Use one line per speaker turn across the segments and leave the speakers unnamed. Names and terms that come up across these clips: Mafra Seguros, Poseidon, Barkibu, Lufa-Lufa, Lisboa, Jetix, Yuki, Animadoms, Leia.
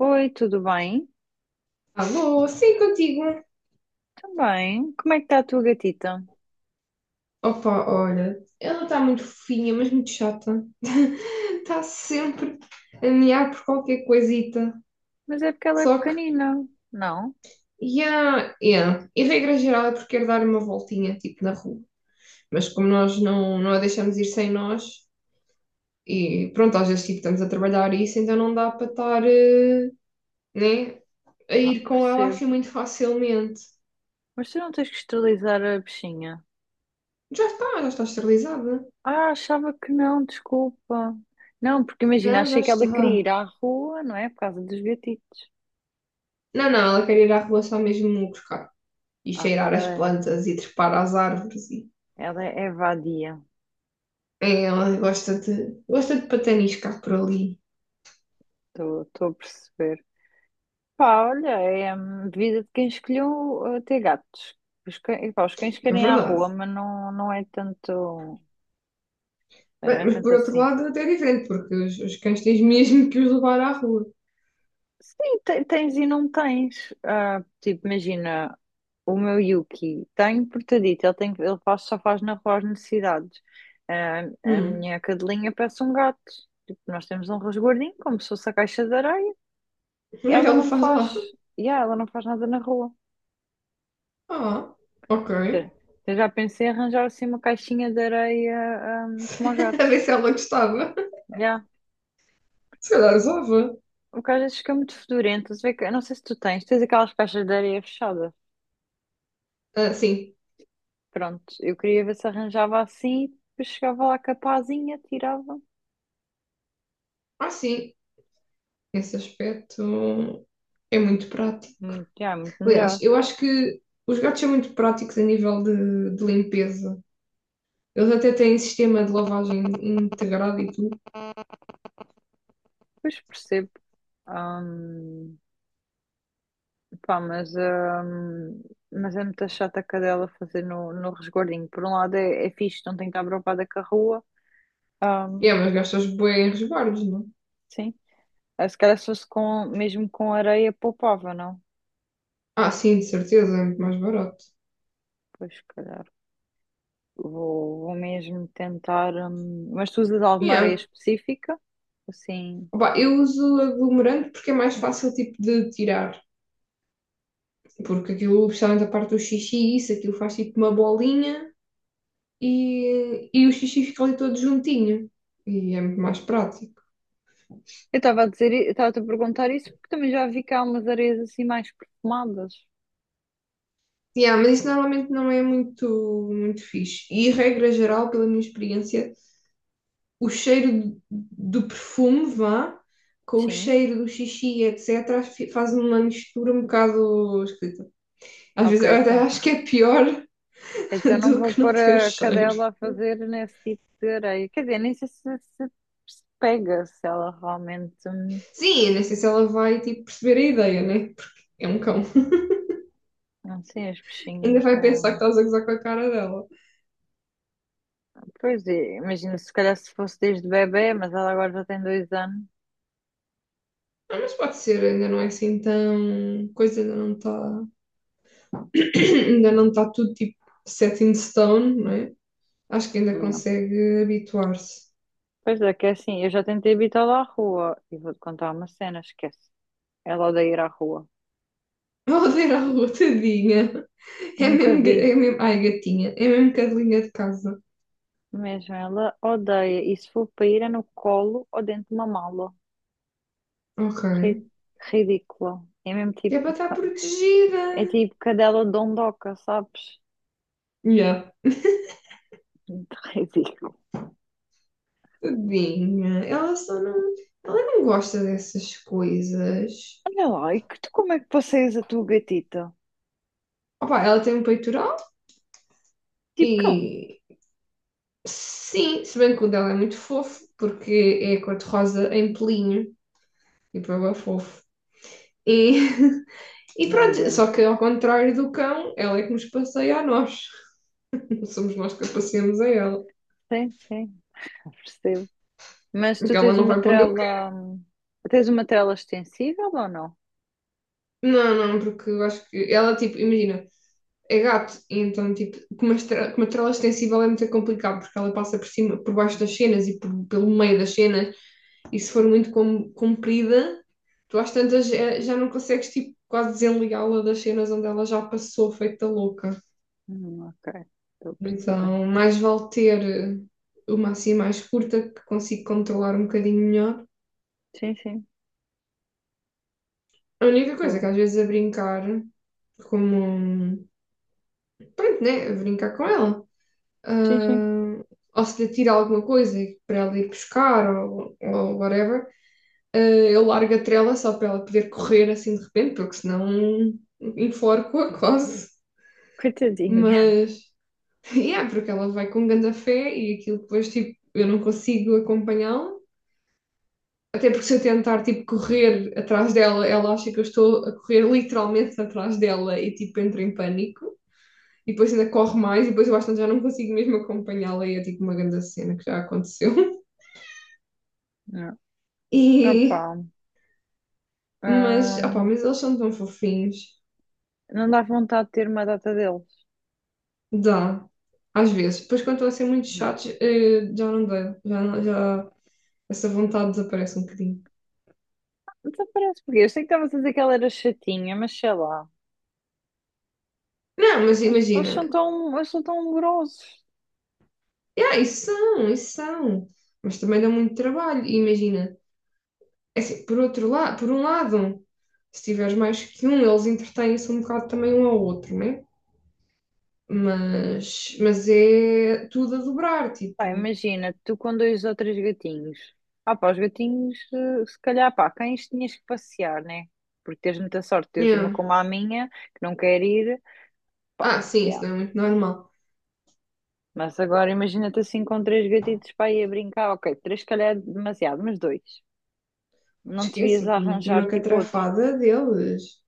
Oi, tudo bem?
Alô, sim, contigo.
Também. Como é que está a tua gatita?
Opa, olha, ela está muito fofinha, mas muito chata. Está sempre a mear por qualquer coisita.
Mas é porque ela é
Só que,
pequenina. Não?
yeah, yeah. E regra geral é porque quer dar uma voltinha, tipo, na rua. Mas como nós não a deixamos ir sem nós, e pronto, às vezes, tipo, estamos a trabalhar isso, então não dá para estar, né, a
Ah,
ir com ela
percebo.
assim muito facilmente.
Mas tu não tens que esterilizar a bichinha.
Já está, esterilizada.
Ah, achava que não, desculpa. Não, porque imagina,
Não, já
achei que
está.
ela queria ir
Não,
à rua, não é? Por causa dos gatitos.
não, ela quer ir à rua só mesmo buscar e
Ah,
cheirar
porque
as
ela,
plantas e trepar às árvores.
ela é vadia.
É, ela gosta de pataniscar por ali,
Estou a perceber. Pá, olha, é vida de quem escolheu ter gatos. E pá, os cães
é
querem ir à
verdade.
rua, mas não, não é tanto. Não
Bem,
é
mas
tanto
por outro
assim.
lado, até é diferente, porque os cães tens mesmo que os levar à rua.
Sim, tens e não tens. Ah, tipo, imagina, o meu Yuki tem portadito, ele, tem, ele faz, só faz na rua as necessidades. Ah, a
Hum,
minha cadelinha parece um gato. Tipo, nós temos um resguardinho, como se fosse a caixa de areia.
o que é que
Ela
ela
não
faz lá?
faz, yeah, ela não faz nada na rua.
Ah, ok.
Te- Eu já pensei em arranjar assim uma caixinha de areia, como aos
A
gatos.
ver se ela gostava.
Yeah.
Se calhar usava.
O que às vezes fica muito fedorento. Se vê que- Eu não sei se tu tens aquelas caixas de areia fechadas.
Ah, sim.
Pronto, eu queria ver se arranjava assim, depois chegava lá capazinha tirava.
Ah, sim. Esse aspecto é muito prático.
Muito, já, muito
Aliás,
melhor.
eu acho que os gatos são muito práticos a nível de limpeza. Eles até têm sistema de lavagem integrado e tudo.
Pois percebo. Ahm, Pá, mas é muito chata a cadela fazer no resguardinho. Por um lado é fixe, não tem que estar preocupada com a rua. Ahm,
Yeah, mas gastas bué em resguardos, não?
sim. Ah, se calhar se fosse com, mesmo com areia, poupava, não?
Ah, sim, de certeza, é muito mais barato.
Pois, se calhar. Vou mesmo tentar. Mas tu usas alguma areia
Yeah.
específica? Assim.
Opa, eu uso aglomerante porque é mais fácil tipo de tirar. Porque aquilo, especialmente a parte do xixi, isso, aquilo faz tipo uma bolinha e o xixi fica ali todo juntinho. E é muito mais prático.
Eu estava-te a perguntar isso porque também já vi que há umas areias assim mais perfumadas.
Yeah, mas isso normalmente não é muito, muito fixe. E regra geral, pela minha experiência, o cheiro do perfume, vá, com o
Sim.
cheiro do xixi, etc., faz uma mistura um bocado esquisita. Às
Ok,
vezes eu até
então.
acho que é pior
Então não
do
vou
que não
pôr
ter
a
cheiro.
cadela a fazer nesse tipo de areia. Quer dizer, nem sei se pega, se ela realmente.
Sim, eu sei se ela vai tipo perceber a ideia, né? Porque é um cão.
Não sei, os
Ainda
peixinhos.
vai pensar que estás a gozar com a cara dela.
Pois é, imagina se calhar se fosse desde bebê, mas ela agora já tem 2 anos.
Ah, mas pode ser, ainda não é assim tão. Coisa ainda não está. Ainda não está tudo tipo set in stone, não é? Acho que ainda
Não.
consegue habituar-se.
Pois é, que é assim, eu já tentei habitá-la à rua e vou-te contar uma cena, esquece. Ela odeia ir à rua.
Oh, a rua, tadinha. É
Nunca
mesmo,
vi.
é mesmo. Ai, gatinha. É mesmo cadelinha de casa.
Mesmo ela odeia. E se for para ir é no colo ou dentro de uma mala.
Ok.
Ri- Ridícula. É mesmo
Que é para
tipo.
estar
É
protegida.
tipo cadela dondoca, sabes?
Yeah.
Muito ridículo.
Tadinha. Ela só não. Ela não gosta dessas coisas.
Olha lá, e que tu como é que passeias a tua gatita?
Opa, ela tem um peitoral
Tipo cão.
e. Sim, se bem que o dela é muito fofo, porque é cor-de-rosa em pelinho. Tipo, é bué fofo. E, e
Não
pronto, só
aguento.
que ao contrário do cão, ela é que nos passeia a nós. Somos nós que a passeamos a ela.
Sim, sim, eu percebo. Mas tu
Porque ela
tens
não
uma
vai para onde eu quero.
trela. Tens uma trela extensível ou não?
Não, não, porque eu acho que ela, tipo, imagina, é gato, e então, tipo, com uma trela extensível é muito complicado, porque ela passa por cima, por baixo das cenas e pelo meio das cenas e se for muito comprida, tu às tantas já não consegues, tipo, quase desenligá-la das cenas onde ela já passou feita louca.
Ok, estou a perceber.
Então, mais vale ter uma assim mais curta, que consigo controlar um bocadinho melhor.
Sim, sim,
A única coisa que
estou.
às vezes a brincar, como, pronto, né, a brincar com ela.
Sim, sim.
ah, ou se lhe tira alguma coisa para ela ir buscar ou whatever, eu largo a trela só para ela poder correr assim de repente, porque senão enforco-a quase.
Coitadinha.
Mas, é, yeah, porque ela vai com grande fé e aquilo depois, tipo, eu não consigo acompanhá-la. Até porque se eu tentar, tipo, correr atrás dela, ela acha que eu estou a correr literalmente atrás dela e, tipo, entra em pânico. E depois ainda corre mais e depois eu acho que já não consigo mesmo acompanhá-la e é, tipo, uma grande cena que já aconteceu.
Não.
E,
Opa.
mas, opá, mas eles são tão fofinhos.
Não dá vontade de ter uma data deles.
Dá, às vezes. Depois, quando estão a ser muito
Não.
chatos, já não dá. Já, não- já essa vontade desaparece um bocadinho.
Então parece porque eu sei que estavas a dizer que ela era chatinha, mas sei lá.
Não, mas
Eles são
imagina.
tão, eles são tão grossos.
Yeah, isso são, isso são. Mas também dá muito trabalho. E imagina. É assim, por outro lado, por um lado, se tiveres mais que um, eles entretêm-se um bocado também um ao outro, né? Mas é tudo a dobrar,
Pá,
tipo.
imagina, tu com dois ou três gatinhos. Ah, pá, os gatinhos, se calhar, pá, cães tinhas que passear, né? Porque tens muita sorte, tens uma
Yeah.
como a minha, que não quer ir, pá,
Ah, sim, isso
yeah.
não é muito normal.
Mas agora imagina-te assim com três gatitos para ir a brincar, ok, três se calhar é demasiado, mas dois. Não te
Esquece,
vias
eu
a
para mim tinha
arranjar
uma
tipo outro.
catrafada deles.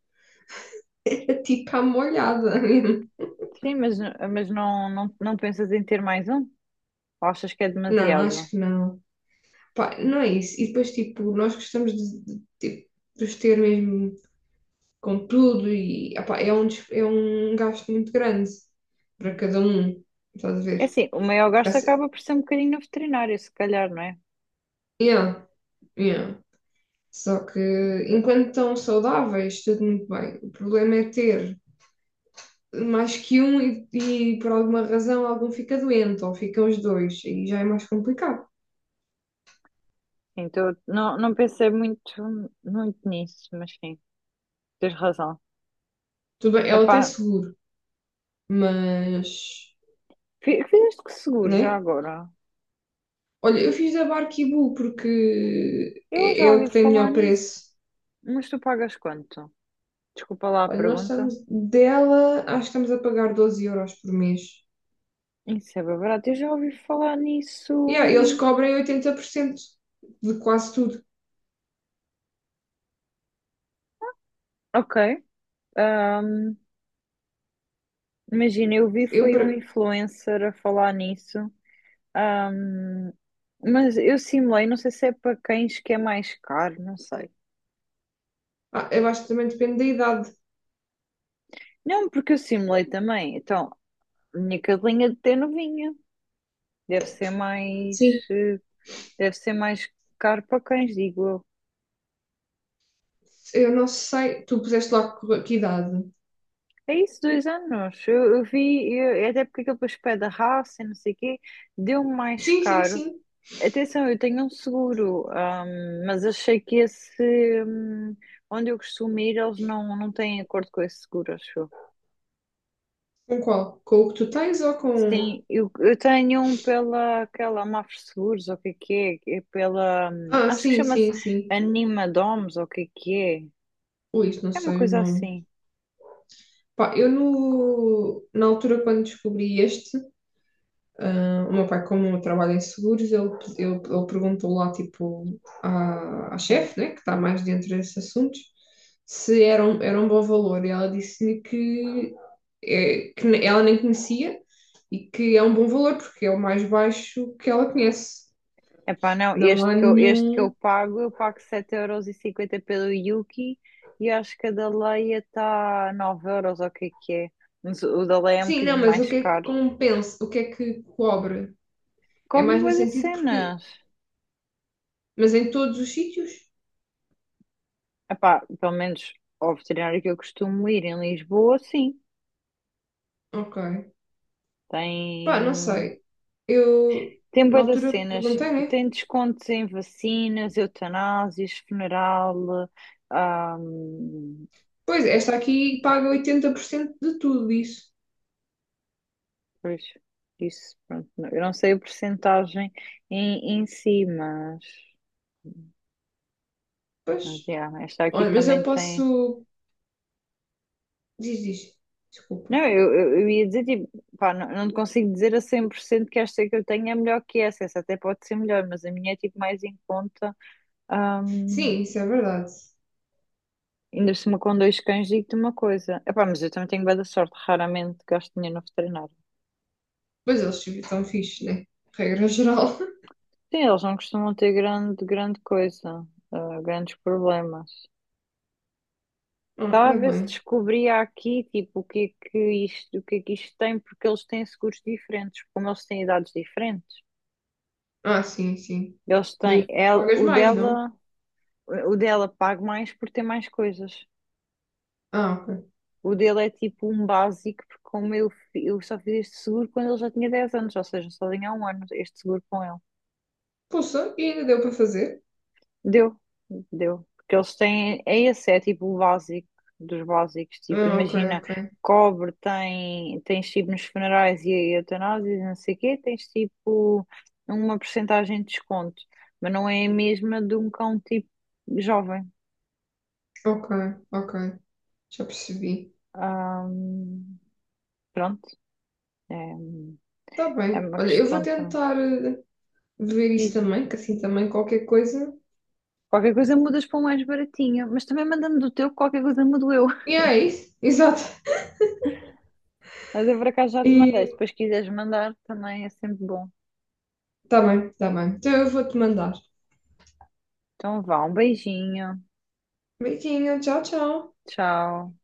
Era tipo à molhada mesmo.
Sim, mas não, não, não pensas em ter mais um? Ou achas que é
Não, acho
demasiado?
que não. Pá, não é isso. E depois, tipo, nós gostamos de, tipo, de os ter mesmo com tudo e ah pá, é um gasto muito grande para
Hum.
cada um. Estás a
É
ver?
assim, o maior
Porque
gasto
assim,
acaba por ser um bocadinho no veterinário, se calhar, não é?
yeah, yeah. Só que enquanto estão saudáveis, tudo muito bem. O problema é ter mais que um e por alguma razão algum fica doente ou ficam os dois, e já é mais complicado.
Então, não, não pensei muito, muito nisso, mas sim, tens razão.
Tudo bem, ela
Epá,
tem seguro, mas,
fizeste que seguro já
né?
agora?
Olha, eu fiz a Barkibu porque
Eu
é,
já
é o
ouvi
que tem
falar
melhor
nisso,
preço.
mas tu pagas quanto? Desculpa lá a
Olha, nós
pergunta.
estamos dela, acho que estamos a pagar 12 euros por mês.
Isso é bem barato, eu já ouvi falar
Yeah, eles
nisso.
cobrem 80% de quase tudo.
Ok, ahm, imagina, eu vi
Eu,
foi um
para-
influencer a falar nisso. Ahm, mas eu simulei, não sei se é para cães que é mais caro, não sei.
eu acho que também depende da idade.
Não, porque eu simulei também. Então, a minha cadelinha de ter novinha. Deve ser mais,
Sim.
eh, deve ser mais caro para cães, digo eu.
Eu não sei, tu puseste lá que idade?
É isso, 2 anos. É até porque aquele depois pede a raça e não sei o quê, deu mais
Sim, sim,
caro.
sim.
Atenção, eu tenho um seguro, mas achei que esse, onde eu costumo ir, eles não, não têm acordo com esse seguro, acho eu.
Com qual? Com o que tu tens ou com.
Sim, eu tenho um pela aquela Mafra Seguros, ou o que é, é pela,
Ah,
acho que
sim,
chama-se
sim, sim.
Animadoms ou o que é,
Ui, isso não
é uma
sei o
coisa
nome.
assim,
Pá, eu no... na altura quando descobri este, o meu pai, como trabalha em seguros, ele perguntou lá, tipo, à
sim.
chefe, né, que está mais dentro desses assuntos, se era um bom valor. E ela disse-me que ela nem conhecia e que é um bom valor, porque é o mais baixo que ela conhece.
Epá, não,
Não há
este que
nenhum.
eu pago 7,50 € pelo Yuki e acho que a da Leia está 9 € ou o que é, mas o da Leia é um
Sim, não,
bocadinho
mas o
mais
que é que
caro.
compensa? O que é que cobre? É
Cobre
mais no
bué das
sentido porque.
cenas.
Mas em todos os sítios?
Epá, pelo menos ao veterinário que eu costumo ir em Lisboa, sim,
Ok. Pá, não
tem.
sei. Eu,
Tem
na
bué das
altura,
cenas,
perguntei, né?
tem descontos em vacinas, eutanásias, funeral, ahm,
Pois, esta aqui paga 80% de tudo isso.
pois, isso, pronto, eu não sei a percentagem em si, mas,
Pois.
yeah, esta aqui
Olha, mas eu
também tem,
posso. Diz, diz. Desculpa.
não, eu ia dizer, tipo, pá, não, não te consigo dizer a 100% que esta que eu tenho é melhor que essa até pode ser melhor, mas a minha é, tipo, mais em conta, ahm,
Sim, isso é verdade.
ainda se uma com dois cães, digo-te uma coisa. Epá, mas eu também tenho bué da sorte, raramente gasto dinheiro no veterinário.
Pois eles estão fixes, né? Regra geral.
Sim, eles não costumam ter grande, grande coisa, grandes problemas.
Ah,
Estava a
ainda
ver se
bem.
descobria aqui, tipo, o que é que isto, o que é que isto tem, porque eles têm seguros diferentes, como eles têm idades diferentes.
Ah, sim, sim.
Eles têm,
Do
ela,
pagas mais, não?
o dela paga mais por ter mais coisas.
Ah, ok.
O dele é tipo um básico, porque como eu só fiz este seguro quando ele já tinha 10 anos, ou seja, só tinha há um ano este seguro com ele.
Poxa, e ainda deu para fazer?
Deu, deu. Porque eles têm, é esse, é tipo o básico dos básicos. Tipo,
Ah, ok,
imagina,
ok.
tens tipo nos funerais e eutanásias, e não sei o quê, tens tipo uma porcentagem de desconto, mas não é a mesma de um cão tipo jovem.
Ok, ok, já percebi.
Ahm, Pronto, é,
Está
é
bem.
uma
Olha, eu vou
questão também.
tentar ver isso
Diz.
também, que assim também qualquer coisa.
Qualquer coisa mudas para um mais baratinho, mas também mandando do teu, qualquer coisa mudo eu.
E é isso, exato.
Mas eu por acaso já te mandei, se
E
depois quiseres mandar também é sempre bom.
está bem, está bem. Então eu vou-te mandar.
Então vá, um beijinho.
Beijinho, tchau, tchau.
Tchau.